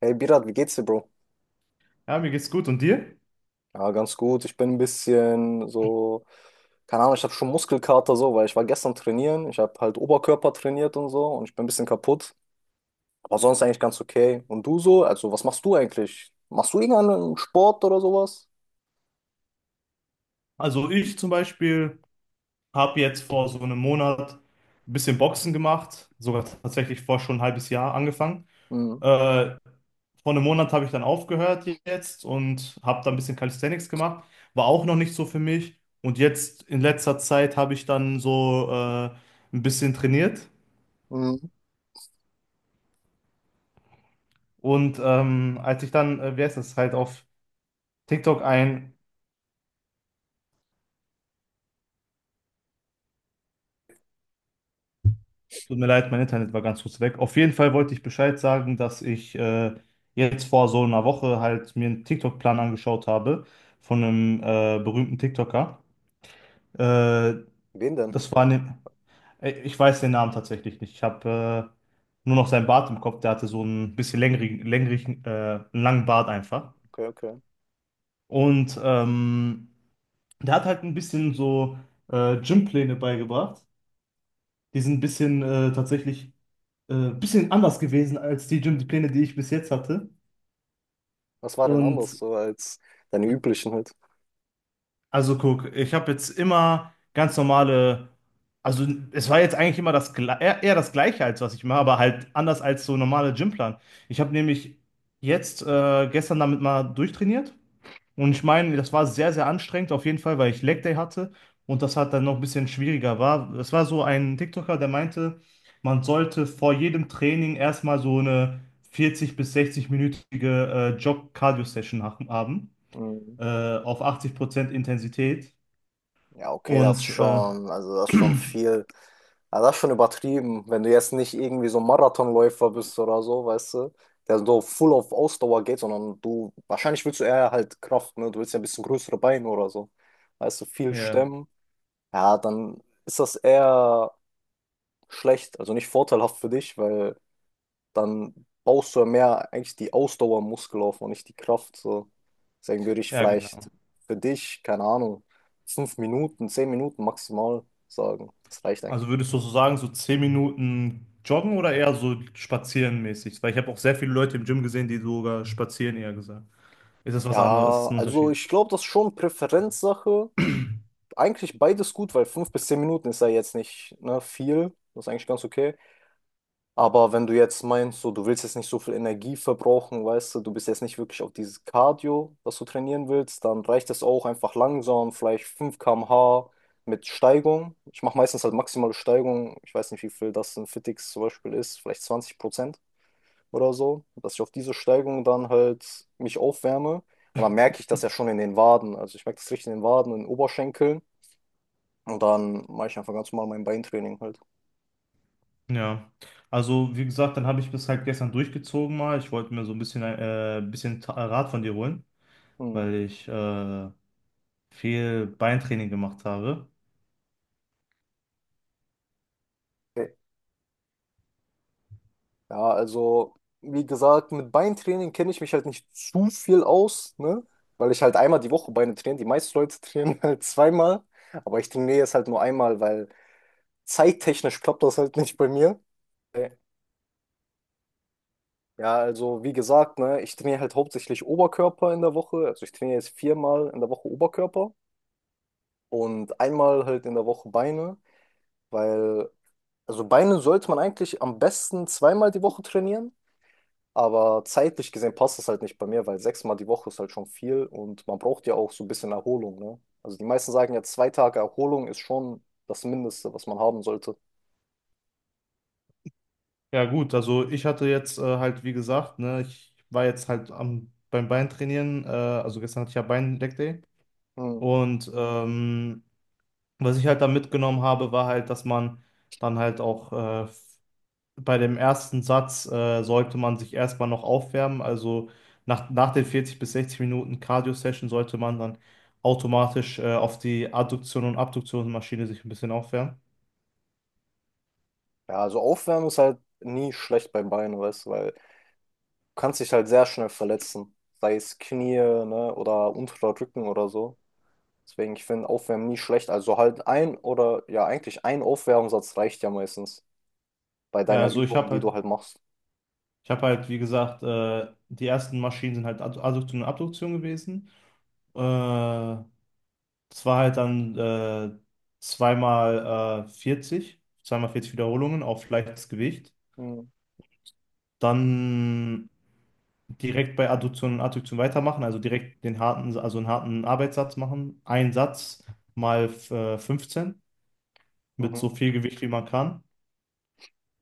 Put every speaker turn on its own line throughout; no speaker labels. Hey Birat, wie geht's dir, Bro?
Ja, mir geht's gut. Und dir?
Ja, ganz gut. Ich bin ein bisschen so, keine Ahnung, ich habe schon Muskelkater so, weil ich war gestern trainieren. Ich habe halt Oberkörper trainiert und so und ich bin ein bisschen kaputt. Aber sonst eigentlich ganz okay. Und du so? Also, was machst du eigentlich? Machst du irgendeinen Sport oder sowas?
Also ich zum Beispiel habe jetzt vor so einem Monat ein bisschen Boxen gemacht, sogar tatsächlich vor schon ein halbes Jahr angefangen.
Mhm.
Äh, vor einem Monat habe ich dann aufgehört jetzt und habe da ein bisschen Calisthenics gemacht. War auch noch nicht so für mich. Und jetzt in letzter Zeit habe ich dann so ein bisschen trainiert.
Mhm.
Und als ich dann, wer ist das, halt auf TikTok ein. Tut mir leid, mein Internet war ganz kurz weg. Auf jeden Fall wollte ich Bescheid sagen, dass ich jetzt vor so einer Woche halt mir einen TikTok-Plan angeschaut habe von einem berühmten TikToker. Äh,
Wen denn?
das war ne ich weiß den Namen tatsächlich nicht. Ich habe nur noch seinen Bart im Kopf. Der hatte so einen bisschen längerigen, einen langen Bart einfach.
Okay, okay.
Und der hat halt ein bisschen so Gympläne beigebracht. Die sind ein bisschen tatsächlich bisschen anders gewesen als die Gym-Pläne, die Pläne, die ich bis jetzt hatte.
Was war denn anders
Und
so als deine üblichen halt?
also guck, ich habe jetzt immer ganz normale, also es war jetzt eigentlich immer eher das Gleiche als was ich mache, aber halt anders als so normale Gymplan. Ich habe nämlich jetzt gestern damit mal durchtrainiert. Und ich meine, das war sehr, sehr anstrengend auf jeden Fall, weil ich Leg Day hatte und das hat dann noch ein bisschen schwieriger war. Es war so ein TikToker, der meinte, man sollte vor jedem Training erstmal so eine 40 bis 60-minütige Jog-Cardio-Session haben,
Mhm.
äh, auf 80% Intensität.
Ja, okay, das ist
Und
schon, also das ist schon viel, also das ist schon übertrieben. Wenn du jetzt nicht irgendwie so ein Marathonläufer bist oder so, weißt du, der so full auf Ausdauer geht, sondern du, wahrscheinlich willst du eher halt Kraft, ne? Du willst ja ein bisschen größere Beine oder so. Weißt du, viel
ja,
stemmen, ja, dann ist das eher schlecht, also nicht vorteilhaft für dich, weil dann baust du ja mehr eigentlich die Ausdauermuskel auf und nicht die Kraft. So. Deswegen würde ich
ja,
vielleicht
genau.
für dich, keine Ahnung, 5 Minuten, 10 Minuten maximal sagen. Das reicht eigentlich.
Also würdest du so sagen, so 10 Minuten joggen oder eher so spazieren mäßig? Weil ich habe auch sehr viele Leute im Gym gesehen, die sogar spazieren eher gesagt. Ist das was anderes? Ist das
Ja,
ein
also
Unterschied?
ich glaube, das ist schon Präferenzsache. Eigentlich beides gut, weil 5 bis 10 Minuten ist ja jetzt nicht, ne, viel. Das ist eigentlich ganz okay. Aber wenn du jetzt meinst, so, du willst jetzt nicht so viel Energie verbrauchen, weißt du, du bist jetzt nicht wirklich auf dieses Cardio, was du trainieren willst, dann reicht es auch einfach langsam, vielleicht 5 km/h mit Steigung. Ich mache meistens halt maximale Steigung. Ich weiß nicht, wie viel das in Fitx zum Beispiel ist, vielleicht 20% oder so, dass ich auf diese Steigung dann halt mich aufwärme. Und dann merke ich das ja schon in den Waden. Also ich merke das richtig in den Waden, in den Oberschenkeln. Und dann mache ich einfach ganz normal mein Beintraining halt.
Ja, also wie gesagt, dann habe ich bis halt gestern durchgezogen mal. Ich wollte mir so ein bisschen Rat von dir holen,
Hm.
weil ich viel Beintraining gemacht habe.
Ja, also, wie gesagt, mit Beintraining kenne ich mich halt nicht zu viel aus, ne? Weil ich halt einmal die Woche Beine trainiere. Die meisten Leute trainieren halt zweimal, aber ich trainiere jetzt halt nur einmal, weil zeittechnisch klappt das halt nicht bei mir. Äh, Ja, also wie gesagt, ne, ich trainiere halt hauptsächlich Oberkörper in der Woche. Also ich trainiere jetzt viermal in der Woche Oberkörper und einmal halt in der Woche Beine, weil, also Beine sollte man eigentlich am besten zweimal die Woche trainieren. Aber zeitlich gesehen passt das halt nicht bei mir, weil sechsmal die Woche ist halt schon viel und man braucht ja auch so ein bisschen Erholung, ne? Also die meisten sagen ja, 2 Tage Erholung ist schon das Mindeste, was man haben sollte.
Ja gut, also ich hatte jetzt halt, wie gesagt, ne, ich war jetzt halt beim Beintrainieren, also gestern hatte ich ja Bein-Leg Day.
Hm.
Und was ich halt da mitgenommen habe, war halt, dass man dann halt auch bei dem ersten Satz sollte man sich erstmal noch aufwärmen. Also nach den 40 bis 60 Minuten Cardio-Session sollte man dann automatisch auf die Adduktion und Abduktionsmaschine sich ein bisschen aufwärmen.
Ja, also Aufwärmen ist halt nie schlecht beim Bein, weißt du, weil du kannst dich halt sehr schnell verletzen. Sei es Knie, ne, oder unterer Rücken oder so. Deswegen, ich finde Aufwärmen nie schlecht. Also halt ein oder ja, eigentlich ein Aufwärmsatz reicht ja meistens bei
Ja,
deiner
also ich
Übung,
habe
die
halt,
du halt machst.
ich habe halt, wie gesagt, die ersten Maschinen sind halt Adduktion und Abduktion gewesen. Äh, das war halt dann zweimal 40, zweimal 40 Wiederholungen auf leichtes Gewicht.
Hm.
Dann direkt bei Adduktion und Adduktion weitermachen, also direkt den harten, also einen harten Arbeitssatz machen. Ein Satz mal 15 mit
Mhm.
so viel Gewicht wie man kann,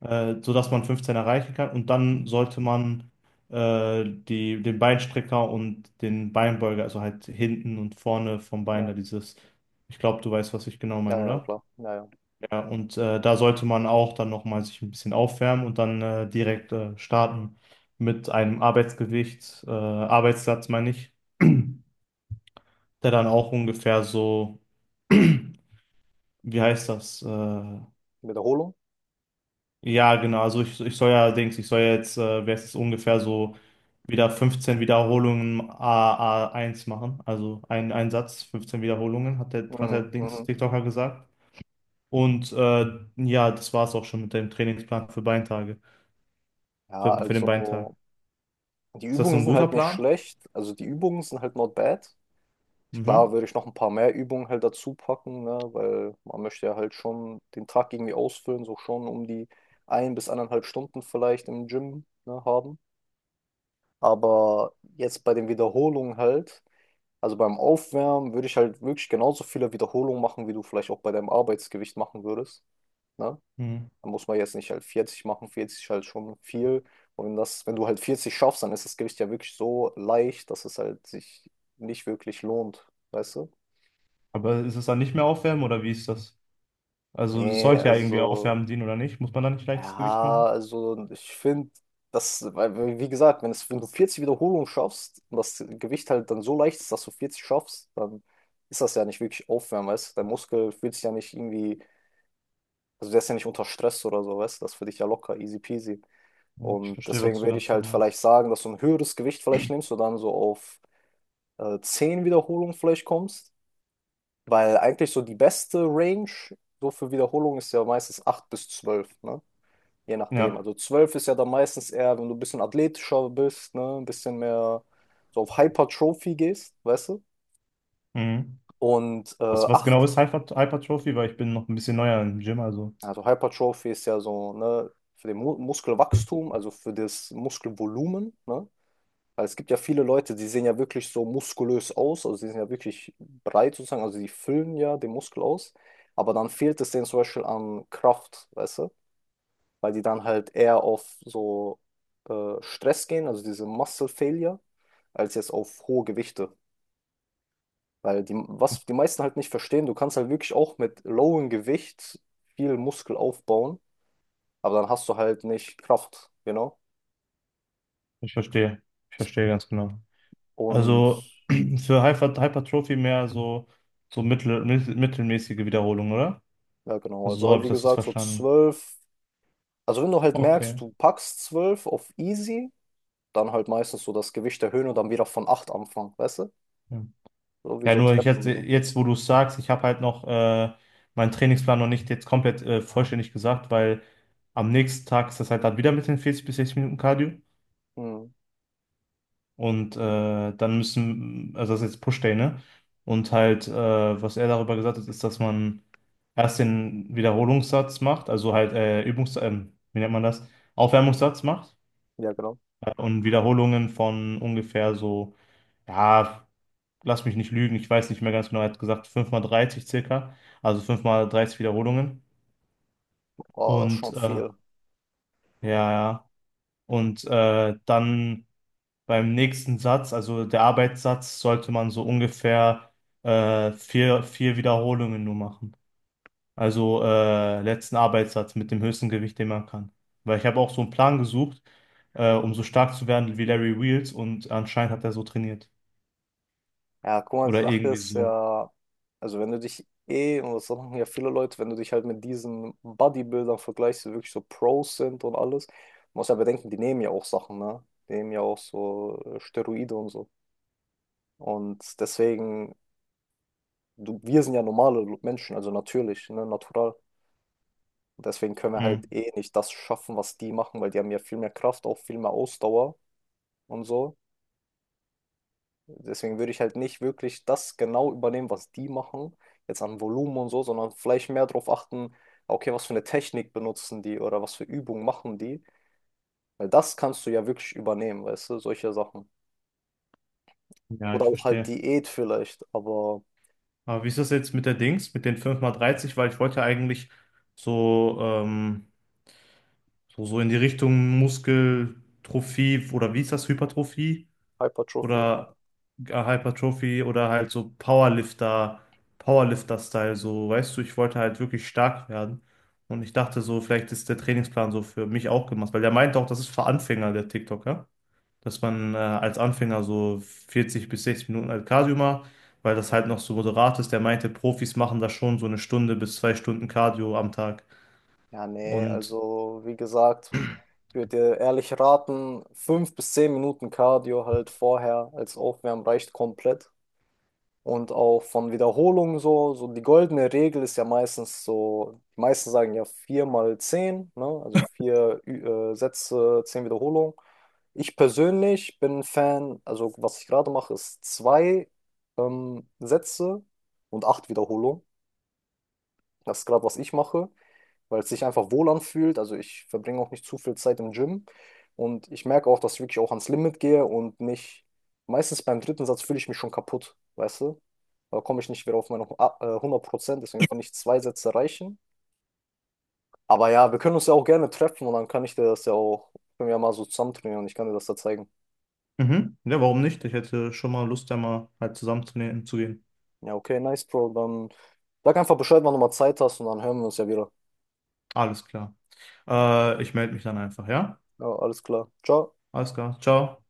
sodass man 15 erreichen kann. Und dann sollte man die, den Beinstrecker und den Beinbeuger, also halt hinten und vorne vom Bein,
Ja.
da dieses, ich glaube, du weißt, was ich genau
Ja,
meine,
ja,
oder?
klar. Ja, ja.
Ja, und da sollte man auch dann nochmal sich ein bisschen aufwärmen und dann direkt starten mit einem Arbeitsgewicht, Arbeitssatz meine ich, der dann auch ungefähr so, wie heißt das?
Wiederholung.
Ja, genau, also ich soll ja, Dings, ich soll ja jetzt, wer ist es ungefähr so, wieder 15 Wiederholungen A1 A A1 machen. Also ein Satz, 15 Wiederholungen, hat der
Mhm,
Dings
mhm.
TikToker gesagt. Und ja, das war es auch schon mit dem Trainingsplan für Beintage,
Ja,
für den Beintag.
also die
Ist das so
Übungen
ein
sind
guter
halt nicht
Plan?
schlecht. Also die Übungen sind halt not bad. Klar
Mhm.
würde ich noch ein paar mehr Übungen halt dazu packen, ne? Weil man möchte ja halt schon den Tag irgendwie ausfüllen, so schon um die ein bis anderthalb Stunden vielleicht im Gym, ne, haben. Aber jetzt bei den Wiederholungen halt, also beim Aufwärmen würde ich halt wirklich genauso viele Wiederholungen machen, wie du vielleicht auch bei deinem Arbeitsgewicht machen würdest. Ne?
Mhm.
Da muss man jetzt nicht halt 40 machen, 40 ist halt schon viel. Und wenn das, wenn du halt 40 schaffst, dann ist das Gewicht ja wirklich so leicht, dass es halt sich nicht wirklich lohnt, weißt du?
Aber ist es dann nicht mehr aufwärmen oder wie ist das? Also es
Nee,
sollte ja irgendwie
also,
aufwärmen dienen oder nicht? Muss man dann nicht leichtes Gewicht
ja,
machen?
also ich finde, das, weil, wie gesagt, wenn es, wenn du 40 Wiederholungen schaffst und das Gewicht halt dann so leicht ist, dass du 40 schaffst, dann ist das ja nicht wirklich Aufwärmen, weißt du? Dein Muskel fühlt sich ja nicht irgendwie, also der ist ja nicht unter Stress oder so, weißt du? Das ist für dich ja locker, easy peasy.
Ja, ich
Und
verstehe, was
deswegen
du
würde ich
ganz genau
halt vielleicht
meinst.
sagen, dass du ein höheres Gewicht vielleicht nimmst und dann so auf 10 Wiederholungen vielleicht kommst. Weil eigentlich so die beste Range so für Wiederholungen ist ja meistens 8 bis 12, ne? Je nachdem.
Ja.
Also 12 ist ja dann meistens eher, wenn du ein bisschen athletischer bist, ne? Ein bisschen mehr so auf Hypertrophie gehst, weißt du?
Mhm.
Und
Was genau
8,
ist Hypertrophie? Weil ich bin noch ein bisschen neuer im Gym, also
also Hypertrophie ist ja so, ne? Für den Mu Muskelwachstum, also für das Muskelvolumen, ne? Weil es gibt ja viele Leute, die sehen ja wirklich so muskulös aus, also sie sind ja wirklich breit sozusagen, also sie füllen ja den Muskel aus, aber dann fehlt es denen zum Beispiel an Kraft, weißt du, weil die dann halt eher auf so Stress gehen, also diese Muscle Failure, als jetzt auf hohe Gewichte. Weil die, was die meisten halt nicht verstehen, du kannst halt wirklich auch mit lowem Gewicht viel Muskel aufbauen, aber dann hast du halt nicht Kraft, genau.
ich verstehe. Ich verstehe ganz genau.
Und
Also für Hypertrophie mehr so, mittelmäßige Wiederholung, oder?
ja, genau,
Also
also
so
halt
habe ich
wie
das jetzt
gesagt, so
verstanden.
12. Also wenn du halt merkst,
Okay.
du packst 12 auf easy, dann halt meistens so das Gewicht erhöhen und dann wieder von 8 anfangen, weißt du?
Ja,
So wie
ja
so
nur ich
Treppen.
jetzt,
So.
jetzt, wo du es sagst, ich habe halt noch meinen Trainingsplan noch nicht jetzt komplett vollständig gesagt, weil am nächsten Tag ist das halt dann wieder mit den 40 bis 60 Minuten Cardio.
Hm.
Und dann müssen, also das ist jetzt Push-Day, ne? Und halt, was er darüber gesagt hat, ist, dass man erst den Wiederholungssatz macht, also halt wie nennt man das? Aufwärmungssatz macht
Ja, genau.
und Wiederholungen von ungefähr so, ja, lass mich nicht lügen, ich weiß nicht mehr ganz genau, er hat gesagt 5x30 circa, also 5x30 Wiederholungen.
Oh, das ist
Und
schon viel.
ja, ja. Und dann, beim nächsten Satz, also der Arbeitssatz, sollte man so ungefähr vier Wiederholungen nur machen. Also letzten Arbeitssatz mit dem höchsten Gewicht, den man kann. Weil ich habe auch so einen Plan gesucht, um so stark zu werden wie Larry Wheels und anscheinend hat er so trainiert.
Ja, guck mal, die
Oder
Sache
irgendwie
ist
so.
ja, also wenn du dich eh, und das machen ja viele Leute, wenn du dich halt mit diesen Bodybuildern vergleichst, die wirklich so Pros sind und alles, musst ja bedenken, die nehmen ja auch Sachen, ne? Die nehmen ja auch so Steroide und so. Und deswegen, du, wir sind ja normale Menschen, also natürlich, ne, natural. Und deswegen können wir halt
Hm.
eh nicht das schaffen, was die machen, weil die haben ja viel mehr Kraft, auch viel mehr Ausdauer und so. Deswegen würde ich halt nicht wirklich das genau übernehmen, was die machen, jetzt an Volumen und so, sondern vielleicht mehr darauf achten, okay, was für eine Technik benutzen die oder was für Übungen machen die. Weil das kannst du ja wirklich übernehmen, weißt du, solche Sachen.
Ja,
Oder
ich
auch halt
verstehe.
Diät vielleicht, aber
Aber wie ist das jetzt mit der Dings, mit den 5x30? Weil ich wollte ja eigentlich so, ähm, so in die Richtung Muskeltrophie oder wie ist das, Hypertrophie?
Hypertrophie halt.
Oder Hypertrophie oder halt so Powerlifter, Powerlifter-Style, so, weißt du, ich wollte halt wirklich stark werden. Und ich dachte so, vielleicht ist der Trainingsplan so für mich auch gemacht, weil der meinte auch, das ist für Anfänger, der TikToker, dass man als Anfänger so 40 bis 60 Minuten halt Cardio macht, weil das halt noch so moderat ist. Der meinte, Profis machen da schon so eine Stunde bis 2 Stunden Cardio am Tag.
Ja, nee,
Und
also wie gesagt, ich würde dir ehrlich raten, 5 bis 10 Minuten Cardio halt vorher als Aufwärmen reicht komplett. Und auch von Wiederholungen so, so die goldene Regel ist ja meistens so, die meisten sagen ja vier mal 10, ne? Also vier Sätze, 10 Wiederholungen. Ich persönlich bin ein Fan, also was ich gerade mache, ist zwei Sätze und acht Wiederholungen. Das ist gerade, was ich mache, weil es sich einfach wohl anfühlt. Also ich verbringe auch nicht zu viel Zeit im Gym und ich merke auch, dass ich wirklich auch ans Limit gehe und nicht, meistens beim dritten Satz fühle ich mich schon kaputt, weißt du? Da komme ich nicht wieder auf meine 100%, deswegen finde ich zwei Sätze reichen. Aber ja, wir können uns ja auch gerne treffen und dann kann ich dir das ja auch, können wir ja mal so zusammen trainieren und ich kann dir das da zeigen.
mhm, ja, warum nicht? Ich hätte schon mal Lust, da mal halt zusammen zu gehen.
Ja, okay, nice, Bro. Dann sag einfach Bescheid, wann du mal Zeit hast und dann hören wir uns ja wieder.
Alles klar.
Ja,
Ich melde mich dann einfach, ja?
ja, alles klar. Ciao.
Alles klar. Ciao.